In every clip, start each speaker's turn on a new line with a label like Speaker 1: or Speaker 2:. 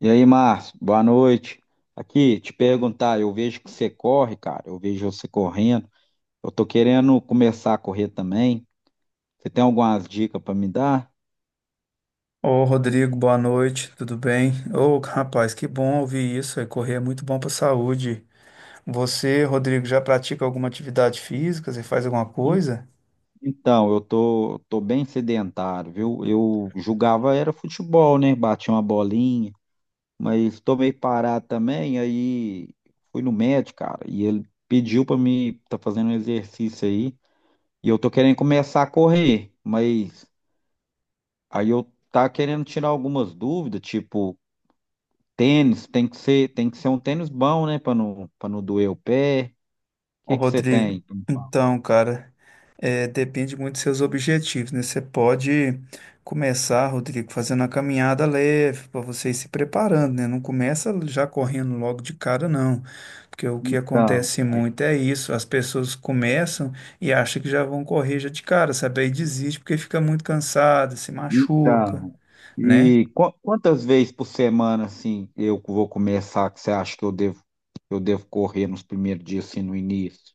Speaker 1: E aí, Márcio, boa noite. Aqui, te perguntar, eu vejo que você corre, cara, eu vejo você correndo. Eu tô querendo começar a correr também. Você tem algumas dicas para me dar?
Speaker 2: Ô, Rodrigo, boa noite, tudo bem? Ô, rapaz, que bom ouvir isso, aí, correr é muito bom para a saúde. Você, Rodrigo, já pratica alguma atividade física? Você faz alguma
Speaker 1: En-
Speaker 2: coisa?
Speaker 1: Então, eu tô bem sedentário, viu? Eu julgava era futebol, né? Bati uma bolinha, mas tô meio parado também. Aí fui no médico, cara, e ele pediu para me tá fazendo um exercício aí. E eu tô querendo começar a correr, mas Aí eu tá querendo tirar algumas dúvidas, tipo, tênis, tem que ser um tênis bom, né, para não doer o pé. O
Speaker 2: Ô,
Speaker 1: que que você
Speaker 2: Rodrigo,
Speaker 1: tem pra me falar?
Speaker 2: então, cara, depende muito dos seus objetivos, né? Você pode começar, Rodrigo, fazendo uma caminhada leve para você ir se preparando, né? Não começa já correndo logo de cara, não. Porque o que
Speaker 1: Então,
Speaker 2: acontece
Speaker 1: aí-
Speaker 2: muito é isso, as pessoas começam e acham que já vão correr já de cara, sabe? Aí desiste porque fica muito cansada, se machuca,
Speaker 1: então.
Speaker 2: né?
Speaker 1: E quantas vezes por semana assim eu vou começar que você acha que eu devo correr nos primeiros dias assim no início?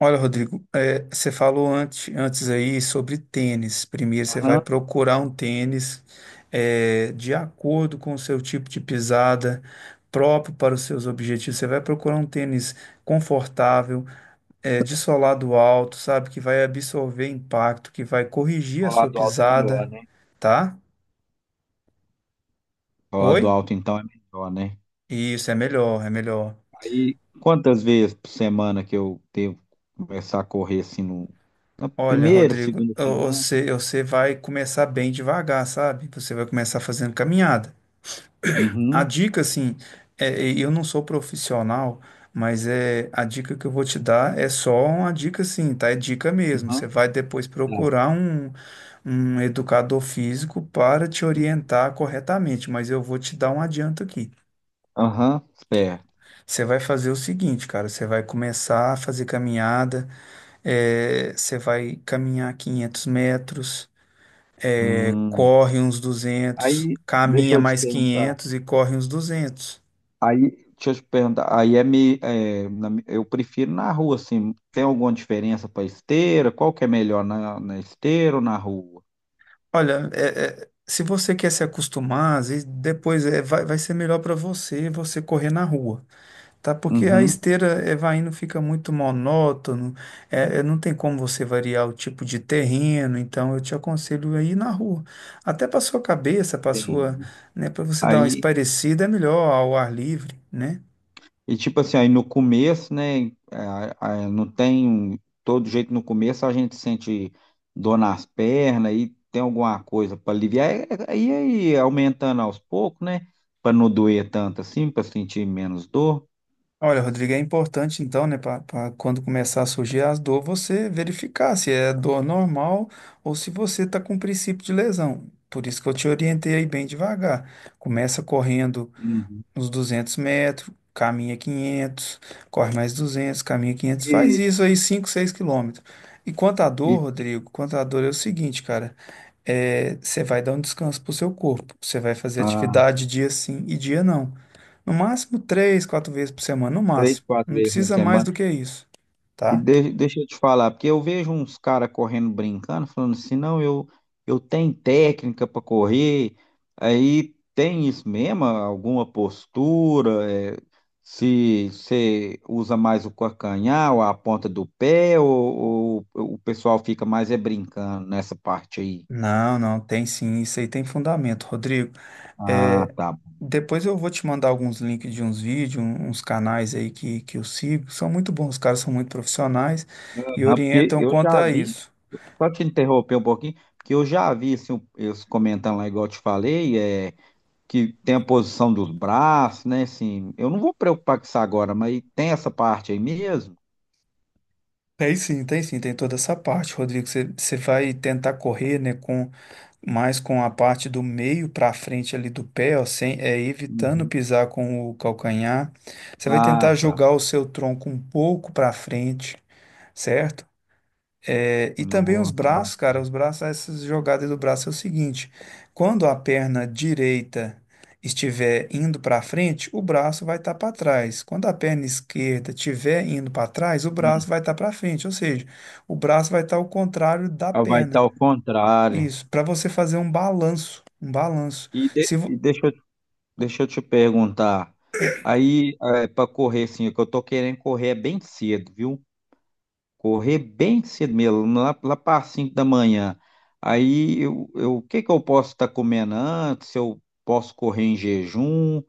Speaker 2: Olha, Rodrigo, você falou antes aí sobre tênis. Primeiro, você vai
Speaker 1: Aham.
Speaker 2: procurar um tênis de acordo com o seu tipo de pisada, próprio para os seus objetivos. Você vai procurar um tênis confortável, de solado alto, sabe? Que vai absorver impacto, que vai corrigir a
Speaker 1: O
Speaker 2: sua
Speaker 1: lado alto é melhor,
Speaker 2: pisada,
Speaker 1: né?
Speaker 2: tá?
Speaker 1: O lado
Speaker 2: Oi?
Speaker 1: alto então é melhor, né?
Speaker 2: Isso, é melhor, é melhor.
Speaker 1: Aí quantas vezes por semana que eu devo começar a correr assim no na
Speaker 2: Olha,
Speaker 1: primeira,
Speaker 2: Rodrigo,
Speaker 1: segunda semana?
Speaker 2: você vai começar bem devagar, sabe? Você vai começar fazendo caminhada. A
Speaker 1: Uhum,
Speaker 2: dica, assim, eu não sou profissional, mas é a dica que eu vou te dar é só uma dica, assim, tá? É dica mesmo. Você
Speaker 1: uhum,
Speaker 2: vai depois
Speaker 1: tá.
Speaker 2: procurar um educador físico para te
Speaker 1: E-
Speaker 2: orientar corretamente, mas eu vou te dar um adianto aqui.
Speaker 1: Aham, certo.
Speaker 2: Você vai fazer o seguinte, cara, você vai começar a fazer caminhada, você vai caminhar 500 metros,
Speaker 1: Hum.
Speaker 2: corre uns 200,
Speaker 1: Aí, deixa
Speaker 2: caminha
Speaker 1: eu te
Speaker 2: mais
Speaker 1: perguntar.
Speaker 2: 500 e corre uns 200.
Speaker 1: Aí, deixa eu te perguntar. Aí é me, é, na mi- Eu prefiro na rua, assim. Tem alguma diferença para esteira? Qual que é melhor na esteira ou na rua?
Speaker 2: Olha, se você quer se acostumar, às vezes depois vai ser melhor para você correr na rua, tá? Porque a
Speaker 1: Uhum,
Speaker 2: esteira vai indo, fica muito monótono, não tem como você variar o tipo de terreno, então eu te aconselho a ir na rua. Até para sua cabeça, para sua,
Speaker 1: entendi.
Speaker 2: né, para você dar uma
Speaker 1: Aí,
Speaker 2: espairecida, é melhor ao ar livre, né?
Speaker 1: e tipo assim, aí no começo, né, não tem um, todo jeito no começo, a gente sente dor nas pernas e tem alguma coisa para aliviar, aí aumentando aos poucos, né, para não doer tanto assim, para sentir menos dor.
Speaker 2: Olha, Rodrigo, é importante então, né, para quando começar a surgir as dor, você verificar se é dor normal ou se você está com princípio de lesão. Por isso que eu te orientei aí bem devagar. Começa correndo
Speaker 1: Uhum.
Speaker 2: uns 200 metros, caminha 500, corre mais 200, caminha 500, faz
Speaker 1: E,
Speaker 2: isso aí 5, 6 quilômetros. E quanto à
Speaker 1: e
Speaker 2: dor, Rodrigo, quanto à dor é o seguinte, cara, você vai dar um descanso pro seu corpo, você vai fazer
Speaker 1: ah,
Speaker 2: atividade dia sim e dia não. No máximo 3, 4 vezes por semana, no
Speaker 1: Três,
Speaker 2: máximo.
Speaker 1: quatro
Speaker 2: Não
Speaker 1: vezes na
Speaker 2: precisa mais
Speaker 1: semana.
Speaker 2: do que isso,
Speaker 1: E
Speaker 2: tá?
Speaker 1: de- deixa eu te falar, porque eu vejo uns caras correndo brincando, falando assim, não, eu tenho técnica para correr, aí tem isso mesmo, alguma postura, se você usa mais o calcanhar ou a ponta do pé, ou o pessoal fica mais é brincando nessa parte aí.
Speaker 2: Não, não, tem sim, isso aí tem fundamento, Rodrigo.
Speaker 1: Ah,
Speaker 2: É,
Speaker 1: tá.
Speaker 2: depois eu vou te mandar alguns links de uns vídeos, uns canais aí que eu sigo. São muito bons, os caras são muito profissionais e
Speaker 1: Aham, porque
Speaker 2: orientam
Speaker 1: eu já
Speaker 2: contra
Speaker 1: vi,
Speaker 2: isso.
Speaker 1: só te interromper um pouquinho, porque eu já vi assim, eles comentando lá, igual eu te falei. Que tem a posição dos braços, né? Assim, eu não vou preocupar com isso agora, mas tem essa parte aí mesmo?
Speaker 2: Tem sim, tem toda essa parte, Rodrigo. Você vai tentar correr, né, com mais com a parte do meio para frente ali do pé, ó, sem, evitando
Speaker 1: Uhum.
Speaker 2: pisar com o calcanhar. Você vai
Speaker 1: Ah,
Speaker 2: tentar
Speaker 1: tá.
Speaker 2: jogar o seu tronco um pouco para frente, certo? É, e também os
Speaker 1: Nossa,
Speaker 2: braços, cara, os braços, essas jogadas do braço é o seguinte: quando a perna direita estiver indo para frente, o braço vai estar para trás. Quando a perna esquerda estiver indo para trás, o braço
Speaker 1: hum.
Speaker 2: vai estar para frente, ou seja, o braço vai estar ao contrário da
Speaker 1: Ah, vai estar
Speaker 2: perna.
Speaker 1: ao contrário.
Speaker 2: Isso, para você fazer um balanço, um balanço.
Speaker 1: E, de-
Speaker 2: Se vo-
Speaker 1: e deixa, eu- deixa eu te perguntar. Aí, para correr, assim, o que eu tô querendo correr é bem cedo, viu? Correr bem cedo mesmo, lá para 5 da manhã. Aí, o que que eu posso estar comendo antes? Eu posso correr em jejum,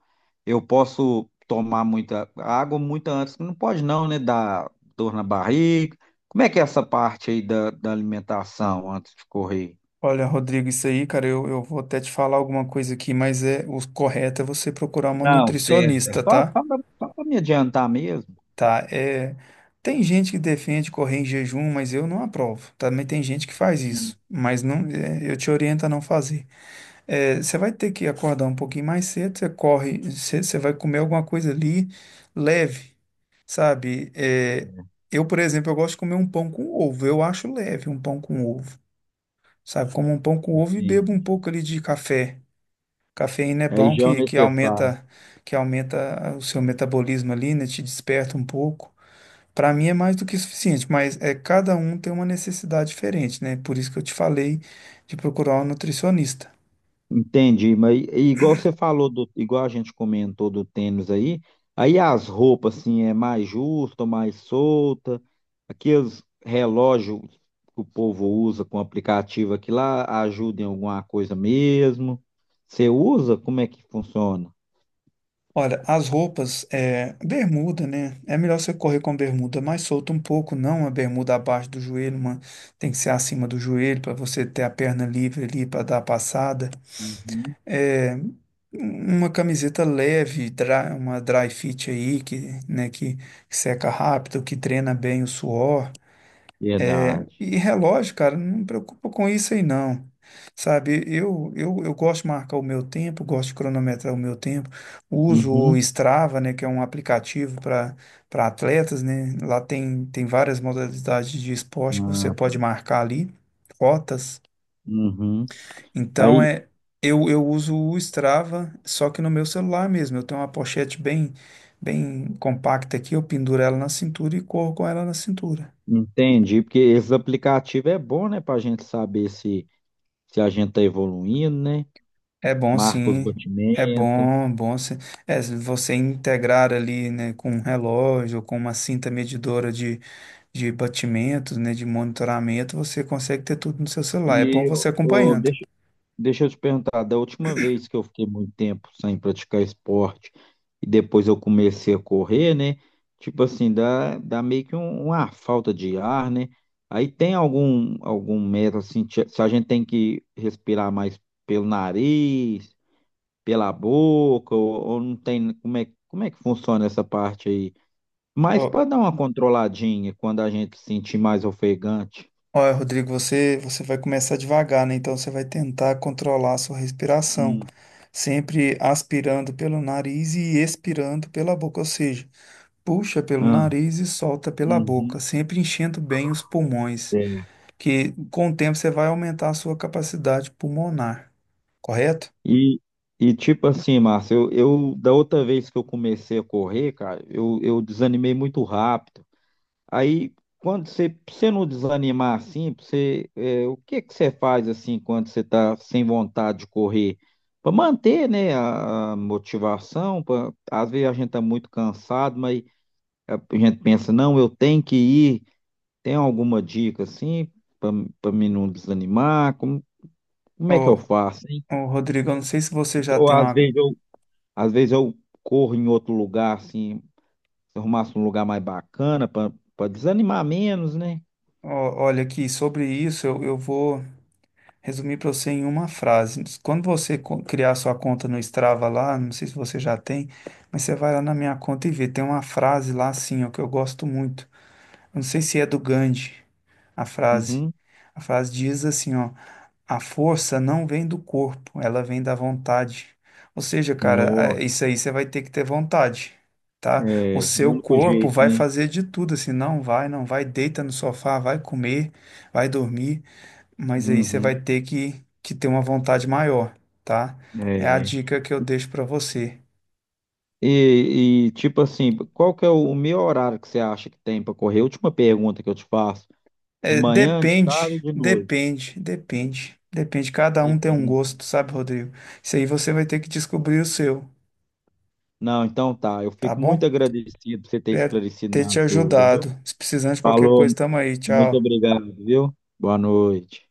Speaker 1: eu posso tomar muita água muito antes. Não pode não, né? Dar dor na barriga. Como é que é essa parte aí da alimentação antes de correr?
Speaker 2: Olha, Rodrigo, isso aí, cara, eu vou até te falar alguma coisa aqui, mas é o correto é você procurar uma
Speaker 1: Não, serve. É
Speaker 2: nutricionista,
Speaker 1: só,
Speaker 2: tá?
Speaker 1: só para me adiantar mesmo.
Speaker 2: Tá, tem gente que defende correr em jejum, mas eu não aprovo. Também tem gente que faz
Speaker 1: Sim.
Speaker 2: isso, mas não, eu te oriento a não fazer. É, você vai ter que acordar um pouquinho mais cedo, você corre, você vai comer alguma coisa ali leve, sabe? É, eu, por exemplo, eu gosto de comer um pão com ovo, eu acho leve um pão com ovo, sabe? Como um pão com ovo e bebo um
Speaker 1: Sim.
Speaker 2: pouco ali de café. Cafeína é
Speaker 1: Aí
Speaker 2: bom
Speaker 1: já é o
Speaker 2: que
Speaker 1: necessário.
Speaker 2: aumenta, que aumenta o seu metabolismo ali, né? Te desperta um pouco. Para mim é mais do que suficiente, mas é cada um tem uma necessidade diferente, né? Por isso que eu te falei de procurar um nutricionista.
Speaker 1: Entendi, mas igual a gente comentou do tênis aí, aí as roupas assim é mais justa, mais solta, aqueles relógios que o povo usa com aplicativo aqui lá ajuda em alguma coisa mesmo. Você usa? Como é que funciona?
Speaker 2: Olha, as roupas, bermuda, né? É melhor você correr com bermuda mais solta um pouco, não uma bermuda abaixo do joelho, uma tem que ser acima do joelho para você ter a perna livre ali para dar a passada.
Speaker 1: Uhum.
Speaker 2: É, uma camiseta leve, uma dry fit aí que, né, que seca rápido, que treina bem o suor. É,
Speaker 1: Verdade.
Speaker 2: e relógio, cara, não me preocupa com isso aí não. Sabe, eu gosto de marcar o meu tempo, gosto de cronometrar o meu tempo. Uso o
Speaker 1: Uhum.
Speaker 2: Strava, né, que é um aplicativo para atletas, né? Lá tem, tem várias modalidades de esporte que você
Speaker 1: Ah,
Speaker 2: pode marcar ali, rotas.
Speaker 1: uhum.
Speaker 2: Então
Speaker 1: Aí
Speaker 2: é eu eu uso o Strava, só que no meu celular mesmo. Eu tenho uma pochete bem bem compacta aqui, eu penduro ela na cintura e corro com ela na cintura.
Speaker 1: entendi, porque esses aplicativos é bom, né, para a gente saber se a gente tá evoluindo, né?
Speaker 2: É bom
Speaker 1: Marca os
Speaker 2: sim, é
Speaker 1: batimentos.
Speaker 2: bom, bom se- é, se você integrar ali, né, com um relógio, com uma cinta medidora de batimentos, né, de monitoramento, você consegue ter tudo no seu celular. É bom
Speaker 1: E
Speaker 2: você
Speaker 1: ô,
Speaker 2: acompanhando.
Speaker 1: deixa eu te perguntar, da última vez que eu fiquei muito tempo sem praticar esporte e depois eu comecei a correr, né? Tipo assim, dá meio que uma falta de ar, né? Aí tem algum método, assim, se a gente tem que respirar mais pelo nariz, pela boca, ou não tem, como é que funciona essa parte aí? Mas para
Speaker 2: Ó,
Speaker 1: dar uma controladinha quando a gente se sentir mais ofegante.
Speaker 2: Olha, Rodrigo, você vai começar devagar, né? Então você vai tentar controlar a sua respiração,
Speaker 1: Hum.
Speaker 2: sempre aspirando pelo nariz e expirando pela boca, ou seja, puxa pelo
Speaker 1: Ah,
Speaker 2: nariz e solta pela boca,
Speaker 1: uhum.
Speaker 2: sempre enchendo bem os pulmões. Que com o tempo você vai aumentar a sua capacidade pulmonar, correto?
Speaker 1: E, tipo assim, Márcio, eu da outra vez que eu comecei a correr, cara, eu desanimei muito rápido. Aí, pra você não desanimar assim, o que que você faz assim quando você tá sem vontade de correr? Para manter, né, a motivação, às vezes a gente tá muito cansado, mas a gente pensa, não, eu tenho que ir. Tem alguma dica assim para para mim não desanimar? Como é que eu
Speaker 2: Ô,
Speaker 1: faço, hein?
Speaker 2: ô, Rodrigo, eu não sei se você já
Speaker 1: Ou
Speaker 2: tem
Speaker 1: às
Speaker 2: uma.
Speaker 1: vezes eu Às vezes eu corro em outro lugar, assim, se eu arrumasse um lugar mais bacana para desanimar menos, né?
Speaker 2: Ó, olha aqui, sobre isso eu vou resumir para você em uma frase. Quando você criar sua conta no Strava lá, não sei se você já tem, mas você vai lá na minha conta e vê. Tem uma frase lá assim, ó, que eu gosto muito. Eu não sei se é do Gandhi, a frase.
Speaker 1: Uhum.
Speaker 2: A frase diz assim, ó. A força não vem do corpo, ela vem da vontade. Ou seja, cara,
Speaker 1: Nó,
Speaker 2: isso aí você vai ter que ter vontade, tá? O
Speaker 1: é, o
Speaker 2: seu
Speaker 1: único
Speaker 2: corpo
Speaker 1: jeito,
Speaker 2: vai
Speaker 1: né?
Speaker 2: fazer de tudo, assim, não vai, não vai, deita no sofá, vai comer, vai dormir, mas aí você vai
Speaker 1: Uhum.
Speaker 2: ter que ter uma vontade maior, tá? É a
Speaker 1: É.
Speaker 2: dica que eu deixo pra você.
Speaker 1: Tipo assim, qual que é o meu horário que você acha que tem para correr? Última pergunta que eu te faço. De
Speaker 2: É,
Speaker 1: manhã, de tarde ou
Speaker 2: depende,
Speaker 1: de noite?
Speaker 2: depende, depende, depende. Cada um tem um
Speaker 1: Depende.
Speaker 2: gosto, sabe, Rodrigo? Isso aí você vai ter que descobrir o seu,
Speaker 1: Não, então tá. Eu
Speaker 2: tá
Speaker 1: fico muito
Speaker 2: bom?
Speaker 1: agradecido por você ter
Speaker 2: Espero
Speaker 1: esclarecido
Speaker 2: ter te
Speaker 1: minhas dúvidas, viu?
Speaker 2: ajudado. Se precisar de qualquer
Speaker 1: Falou,
Speaker 2: coisa, tamo aí.
Speaker 1: muito
Speaker 2: Tchau.
Speaker 1: obrigado, viu? Boa noite.